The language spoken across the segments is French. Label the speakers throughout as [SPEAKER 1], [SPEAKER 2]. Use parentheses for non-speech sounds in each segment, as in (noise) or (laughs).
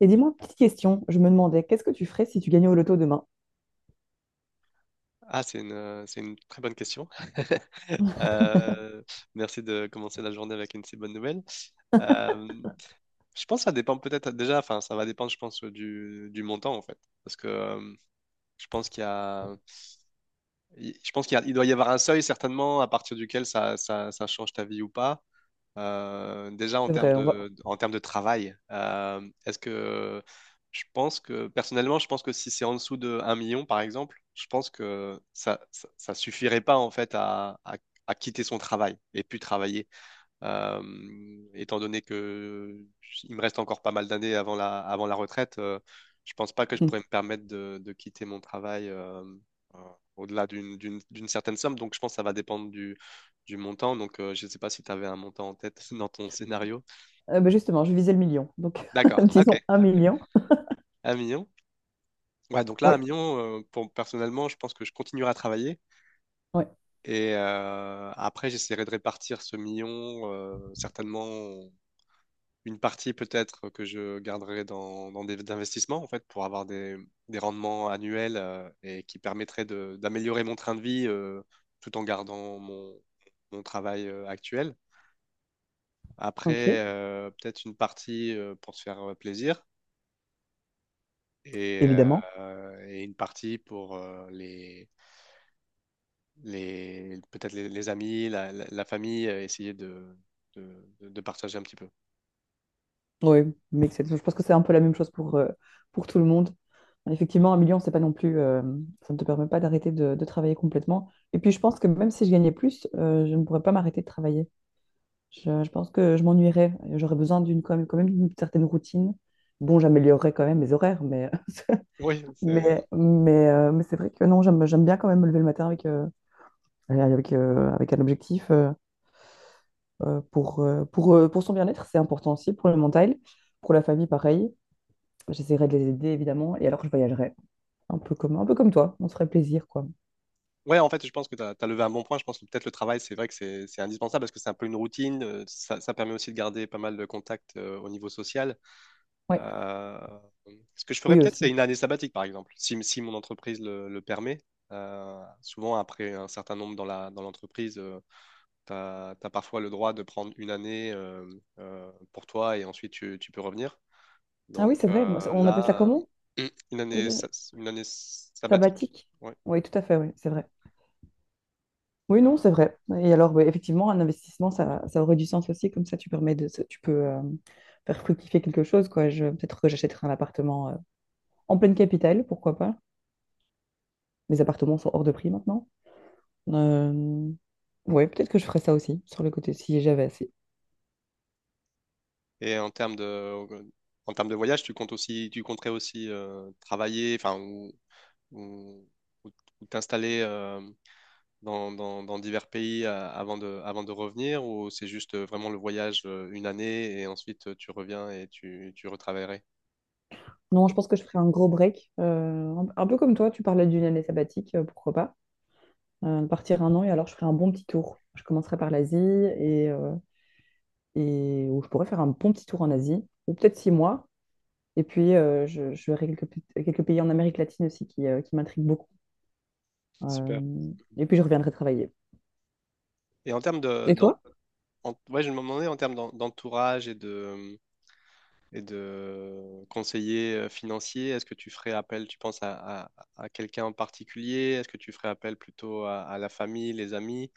[SPEAKER 1] Et dis-moi, petite question, je me demandais, qu'est-ce que tu ferais si tu gagnais au loto demain?
[SPEAKER 2] Ah, c'est une très bonne question. (laughs) Euh, Merci de commencer la journée avec une si bonne nouvelle. Euh, je pense que ça dépend peut-être déjà, enfin, ça va dépendre, je pense, du montant en fait. Parce que je pense qu'il y a il doit y avoir un seuil certainement à partir duquel ça change ta vie ou pas. Déjà en
[SPEAKER 1] C'est
[SPEAKER 2] termes
[SPEAKER 1] vrai, on va...
[SPEAKER 2] de,
[SPEAKER 1] (laughs)
[SPEAKER 2] en termes de travail, est-ce que je pense que personnellement, je pense que si c'est en dessous de 1 million par exemple, je pense que ça suffirait pas en fait à quitter son travail et puis travailler. Étant donné que il me reste encore pas mal d'années avant la retraite. Je pense pas que je pourrais me permettre de quitter mon travail euh, au-delà d'une certaine somme. Donc, je pense que ça va dépendre du montant. Donc, je ne sais pas si tu avais un montant en tête (laughs) dans ton scénario.
[SPEAKER 1] Ben justement, je visais le million, donc (laughs)
[SPEAKER 2] D'accord, ok.
[SPEAKER 1] disons un million.
[SPEAKER 2] 1 million. Ouais, donc là,
[SPEAKER 1] Oui,
[SPEAKER 2] 1 million, personnellement, je pense que je continuerai à travailler.
[SPEAKER 1] oui,
[SPEAKER 2] Et après, j'essaierai de répartir ce million, certainement une partie peut-être que je garderai dans des investissements en fait pour avoir des rendements annuels et qui permettraient d'améliorer mon train de vie tout en gardant mon travail actuel. Après,
[SPEAKER 1] ok,
[SPEAKER 2] peut-être une partie pour se faire plaisir et,
[SPEAKER 1] évidemment.
[SPEAKER 2] et une partie pour les peut-être les amis, la famille, essayer de partager un petit peu.
[SPEAKER 1] Oui, mais je pense que c'est un peu la même chose pour tout le monde. Effectivement, un million, c'est pas non plus, ça ne te permet pas d'arrêter de travailler complètement. Et puis, je pense que même si je gagnais plus, je ne pourrais pas m'arrêter de travailler. Je pense que je m'ennuierais. J'aurais besoin d'une quand même d'une certaine routine. Bon, j'améliorerais quand même mes horaires, mais
[SPEAKER 2] Oui.
[SPEAKER 1] (laughs) Mais c'est vrai que non, j'aime bien quand même me lever le matin avec, avec, avec un objectif pour son bien-être, c'est important aussi, pour le mental, pour la famille, pareil. J'essaierai de les aider, évidemment, et alors je voyagerai, un peu comme toi, on se ferait plaisir, quoi.
[SPEAKER 2] Ouais, en fait, je pense que tu as levé un bon point. Je pense que peut-être le travail, c'est vrai que c'est indispensable parce que c'est un peu une routine. Ça permet aussi de garder pas mal de contacts au niveau social.
[SPEAKER 1] Ouais.
[SPEAKER 2] Euh, Ce que je ferais
[SPEAKER 1] Oui,
[SPEAKER 2] peut-être, c'est
[SPEAKER 1] aussi.
[SPEAKER 2] une année sabbatique, par exemple, si mon entreprise le permet. Souvent, après un certain nombre dans l'entreprise, tu as parfois le droit de prendre une année pour toi et ensuite tu peux revenir.
[SPEAKER 1] Ah oui,
[SPEAKER 2] Donc
[SPEAKER 1] c'est vrai, moi, on appelle ça
[SPEAKER 2] là,
[SPEAKER 1] comment
[SPEAKER 2] euh, (clears throat) une année,
[SPEAKER 1] déjà?
[SPEAKER 2] sa- une année sabbatique.
[SPEAKER 1] Sabbatique?
[SPEAKER 2] Ouais.
[SPEAKER 1] Oui, tout à fait, oui, c'est vrai. Oui, non, c'est vrai. Et alors, ouais, effectivement, un investissement, ça aurait du sens aussi, comme ça, tu permets de, tu peux faire fructifier quelque chose, quoi. Peut-être que j'achèterai un appartement. En pleine capitale, pourquoi pas. Mes appartements sont hors de prix maintenant. Euh, Ouais, peut-être que je ferais ça aussi, sur le côté, si j'avais assez.
[SPEAKER 2] Et en termes de voyage, tu compterais aussi, travailler, enfin, ou, ou t'installer dans divers pays avant de revenir, ou c'est juste vraiment le voyage une année et ensuite tu reviens et tu retravaillerais.
[SPEAKER 1] Non, je pense que je ferais un gros break. Un peu comme toi, tu parlais d'une année sabbatique, pourquoi pas. Partir un an et alors je ferais un bon petit tour. Je commencerai par l'Asie et où je pourrais faire un bon petit tour en Asie, ou peut-être 6 mois. Et puis, je verrai quelques, quelques pays en Amérique latine aussi qui m'intriguent beaucoup.
[SPEAKER 2] Super.
[SPEAKER 1] Euh, et puis, je reviendrai travailler.
[SPEAKER 2] Et en termes de,
[SPEAKER 1] Et
[SPEAKER 2] d'en-
[SPEAKER 1] toi?
[SPEAKER 2] en- Ouais, je me demandais en termes d'entourage et de conseiller financier. Est-ce que tu ferais appel, tu penses, à, à- à quelqu'un en particulier? Est-ce que tu ferais appel plutôt à la famille, les amis?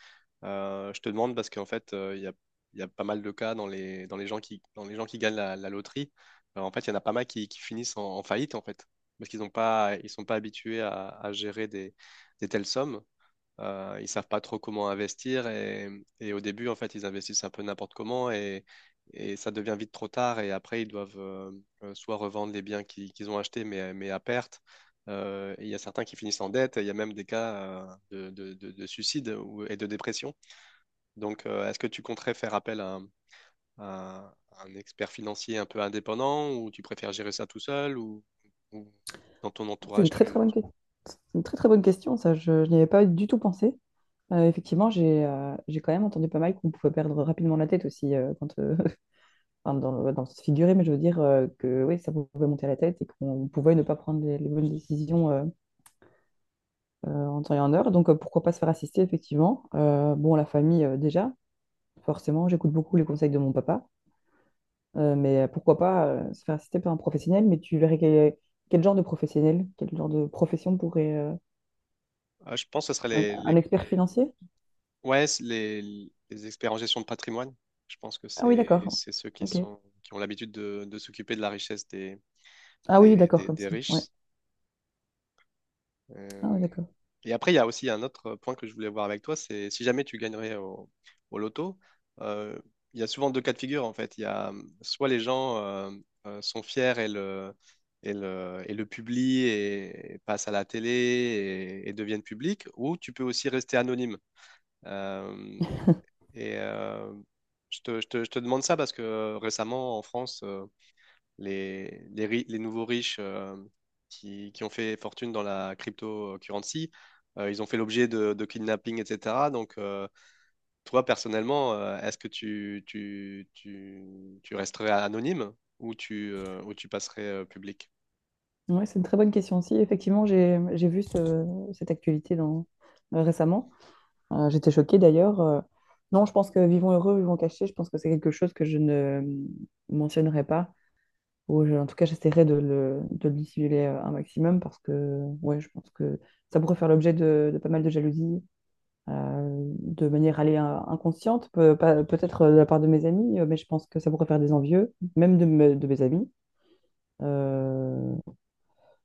[SPEAKER 2] Je te demande parce qu'en fait, il y a pas mal de cas dans les gens qui gagnent la loterie. En fait, il y en a pas mal qui finissent en faillite, en fait, parce qu'ils sont pas habitués à gérer des telles sommes. Ils savent pas trop comment investir et au début, en fait, ils investissent un peu n'importe comment et ça devient vite trop tard et après, ils doivent soit revendre les biens qu'ils ont achetés, mais à perte. Et il y a certains qui finissent en dette et il y a même des cas de suicide et de dépression. Donc, est-ce que tu compterais faire appel à un expert financier un peu indépendant, ou tu préfères gérer ça tout seul, ou dans ton
[SPEAKER 1] C'est une
[SPEAKER 2] entourage,
[SPEAKER 1] très très
[SPEAKER 2] tu...
[SPEAKER 1] bonne, question. C'est une très très bonne question, ça. Je n'y avais pas du tout pensé. Effectivement, j'ai quand même entendu pas mal qu'on pouvait perdre rapidement la tête aussi, quand, (laughs) enfin, dans le sens figuré, mais je veux dire que oui, ça pouvait monter à la tête et qu'on pouvait ne pas prendre les bonnes décisions en temps et en heure. Donc, pourquoi pas se faire assister, effectivement. Bon, la famille, déjà. Forcément, j'écoute beaucoup les conseils de mon papa, mais pourquoi pas se faire assister par un professionnel, mais tu verrais quel, quel genre de professionnel, quel genre de profession pourrait...
[SPEAKER 2] Ah, je pense que ce serait
[SPEAKER 1] un
[SPEAKER 2] les
[SPEAKER 1] expert financier?
[SPEAKER 2] ouais, c'est les experts en gestion de patrimoine. Je pense que
[SPEAKER 1] Ah oui,
[SPEAKER 2] c'est
[SPEAKER 1] d'accord.
[SPEAKER 2] ceux
[SPEAKER 1] Ok.
[SPEAKER 2] qui ont l'habitude de s'occuper de la richesse des,
[SPEAKER 1] Ah oui,
[SPEAKER 2] des,
[SPEAKER 1] d'accord,
[SPEAKER 2] des-
[SPEAKER 1] comme
[SPEAKER 2] des
[SPEAKER 1] ça. Ouais.
[SPEAKER 2] riches.
[SPEAKER 1] Ah oui,
[SPEAKER 2] Euh,
[SPEAKER 1] d'accord.
[SPEAKER 2] et après, il y a aussi un autre point que je voulais voir avec toi: c'est si jamais tu gagnerais au loto, euh, il y a souvent deux cas de figure en fait. Il y a soit les gens sont fiers le publient, et passent à la télé, et deviennent publics, ou tu peux aussi rester anonyme. Euh, et euh, je te demande ça parce que récemment, en France, les nouveaux riches qui ont fait fortune dans la cryptocurrency, ils ont fait l'objet de kidnapping, etc. Donc, toi, personnellement, est-ce que tu resterais anonyme ou tu passerais public?
[SPEAKER 1] Ouais, c'est une très bonne question aussi. Effectivement, j'ai vu cette actualité dans, récemment. J'étais choquée d'ailleurs. Non, je pense que vivons heureux, vivons cachés, je pense que c'est quelque chose que je ne euh, mentionnerai pas. Ou en tout cas, j'essaierai de le dissimuler un maximum parce que ouais, je pense que ça pourrait faire l'objet de pas mal de jalousie de manière allez, inconsciente, peut, pas- peut-être de la part de mes amis, mais je pense que ça pourrait faire des envieux, même de, de mes amis, euh,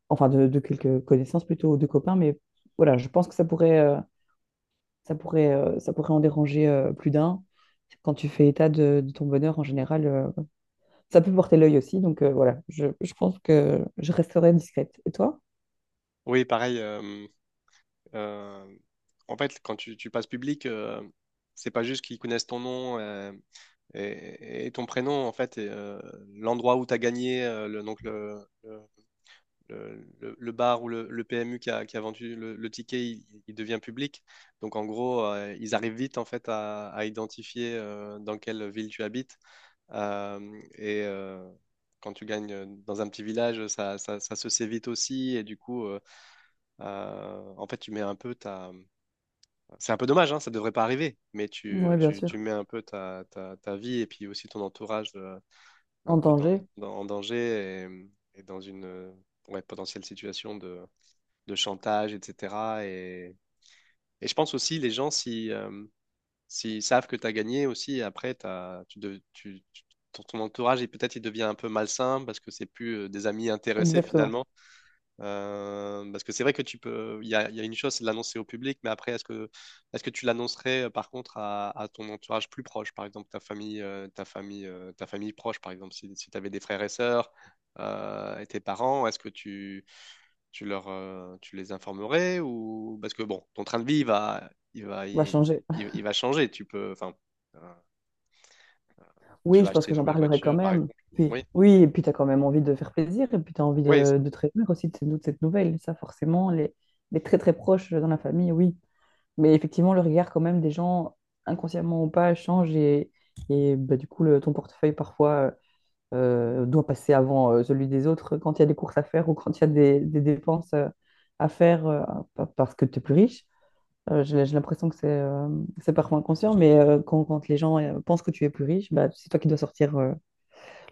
[SPEAKER 1] enfin de quelques connaissances plutôt, ou de copains, mais voilà, je pense que ça pourrait, ça pourrait en déranger plus d'un. Quand tu fais état de ton bonheur en général, ça peut porter l'œil aussi. Donc voilà, je pense que je resterai discrète. Et toi?
[SPEAKER 2] Oui, pareil. Euh, En fait, quand tu passes public, c'est pas juste qu'ils connaissent ton nom et ton prénom, en fait, l'endroit où tu as gagné, donc le bar ou le PMU qui a vendu le ticket, il devient public. Donc en gros, ils arrivent vite en fait à identifier dans quelle ville tu habites. Euh, et euh, Quand tu gagnes dans un petit village, ça se sait vite aussi. Et du coup, en fait, tu mets un peu ta c'est un peu dommage, hein, ça devrait pas arriver, mais tu,
[SPEAKER 1] Oui, bien
[SPEAKER 2] tu,
[SPEAKER 1] sûr.
[SPEAKER 2] tu mets un peu ta vie et puis aussi ton entourage un
[SPEAKER 1] En
[SPEAKER 2] peu
[SPEAKER 1] danger,
[SPEAKER 2] en danger et dans une ouais, potentielle situation de chantage, etc. Et, et je pense aussi, les gens, si, s'ils savent que tu as gagné aussi, après, t'as, tu, de- tu- tu- ton, ton entourage, peut-être il devient un peu malsain parce que c'est plus des amis intéressés
[SPEAKER 1] exactement.
[SPEAKER 2] finalement. Parce que c'est vrai que tu peux. Il y a une chose, c'est de l'annoncer au public, mais après, est-ce que tu l'annoncerais par contre à ton entourage plus proche, par exemple ta famille, ta famille proche. Par exemple, si tu avais des frères et sœurs et tes parents, est-ce que tu les informerais? Ou parce que bon, ton train de vie il va,
[SPEAKER 1] On va
[SPEAKER 2] il,
[SPEAKER 1] changer.
[SPEAKER 2] il va changer. Tu peux, enfin, euh, tu
[SPEAKER 1] Oui,
[SPEAKER 2] vas
[SPEAKER 1] je pense
[SPEAKER 2] acheter
[SPEAKER 1] que
[SPEAKER 2] une
[SPEAKER 1] j'en
[SPEAKER 2] nouvelle
[SPEAKER 1] parlerai quand
[SPEAKER 2] voiture, par
[SPEAKER 1] même.
[SPEAKER 2] exemple.
[SPEAKER 1] Puis,
[SPEAKER 2] Oui,
[SPEAKER 1] oui, et puis tu as quand même envie de faire plaisir, et puis tu as envie
[SPEAKER 2] oui,
[SPEAKER 1] de te réjouir aussi de cette nouvelle. Ça, forcément, les très très proches dans la famille, oui, mais effectivement, le regard quand même des gens, inconsciemment ou pas, change et bah, du coup, le, ton portefeuille parfois doit passer avant celui des autres quand il y a des courses à faire ou quand il y a des dépenses à faire parce que tu es plus riche. J'ai l'impression que c'est parfois inconscient, mais quand, quand les gens pensent que tu es plus riche, bah, c'est toi qui dois sortir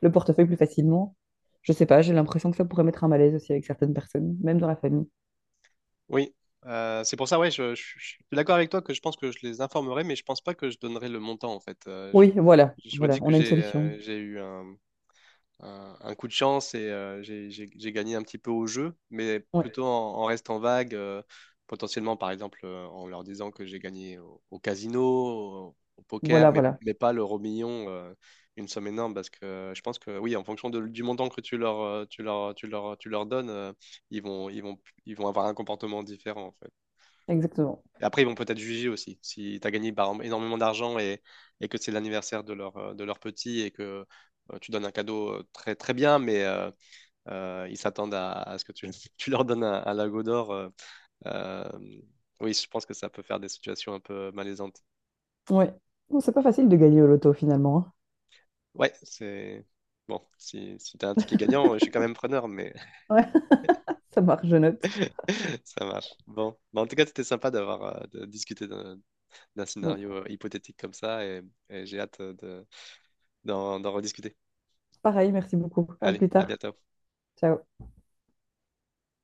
[SPEAKER 1] le portefeuille plus facilement. Je sais pas, j'ai l'impression que ça pourrait mettre un malaise aussi avec certaines personnes, même dans la famille.
[SPEAKER 2] oui. C'est pour ça, ouais, je suis d'accord avec toi que je pense que je les informerai, mais je pense pas que je donnerai le montant en fait. Euh, je,
[SPEAKER 1] Oui, voilà,
[SPEAKER 2] je
[SPEAKER 1] voilà,
[SPEAKER 2] dit que
[SPEAKER 1] on a une
[SPEAKER 2] j'ai
[SPEAKER 1] solution.
[SPEAKER 2] j'ai eu un coup de chance et j'ai gagné un petit peu au jeu, mais
[SPEAKER 1] Ouais,
[SPEAKER 2] plutôt en restant vague, potentiellement par exemple en leur disant que j'ai gagné au casino, au poker,
[SPEAKER 1] voilà,
[SPEAKER 2] mais,
[SPEAKER 1] voilà,
[SPEAKER 2] mais pas l'euro million, une somme énorme, parce que je pense que oui, en fonction du montant que tu leur, tu leur, tu leur, tu leur donnes, ils vont, ils vont, ils vont avoir un comportement différent
[SPEAKER 1] exactement.
[SPEAKER 2] et après, ils vont peut-être juger aussi. Si tu as gagné par exemple énormément d'argent et que c'est l'anniversaire de leur petit et que tu donnes un cadeau très, très bien, mais ils s'attendent à ce que tu (laughs) tu leur donnes un lago d'or. Euh, oui, je pense que ça peut faire des situations un peu malaisantes.
[SPEAKER 1] Ouais. Bon, c'est pas facile de gagner au loto finalement.
[SPEAKER 2] Ouais, c'est. Bon, si tu as un ticket gagnant, je suis quand même preneur, mais
[SPEAKER 1] Hein. Ouais, (laughs) ça marche, je note.
[SPEAKER 2] (laughs) ça marche. Bon, bah, en tout cas, c'était sympa d'avoir de discuter d'un
[SPEAKER 1] Donc,
[SPEAKER 2] scénario hypothétique comme ça, et j'ai hâte d'en rediscuter.
[SPEAKER 1] pareil, merci beaucoup. À
[SPEAKER 2] Allez,
[SPEAKER 1] plus
[SPEAKER 2] à
[SPEAKER 1] tard.
[SPEAKER 2] bientôt.
[SPEAKER 1] Ciao.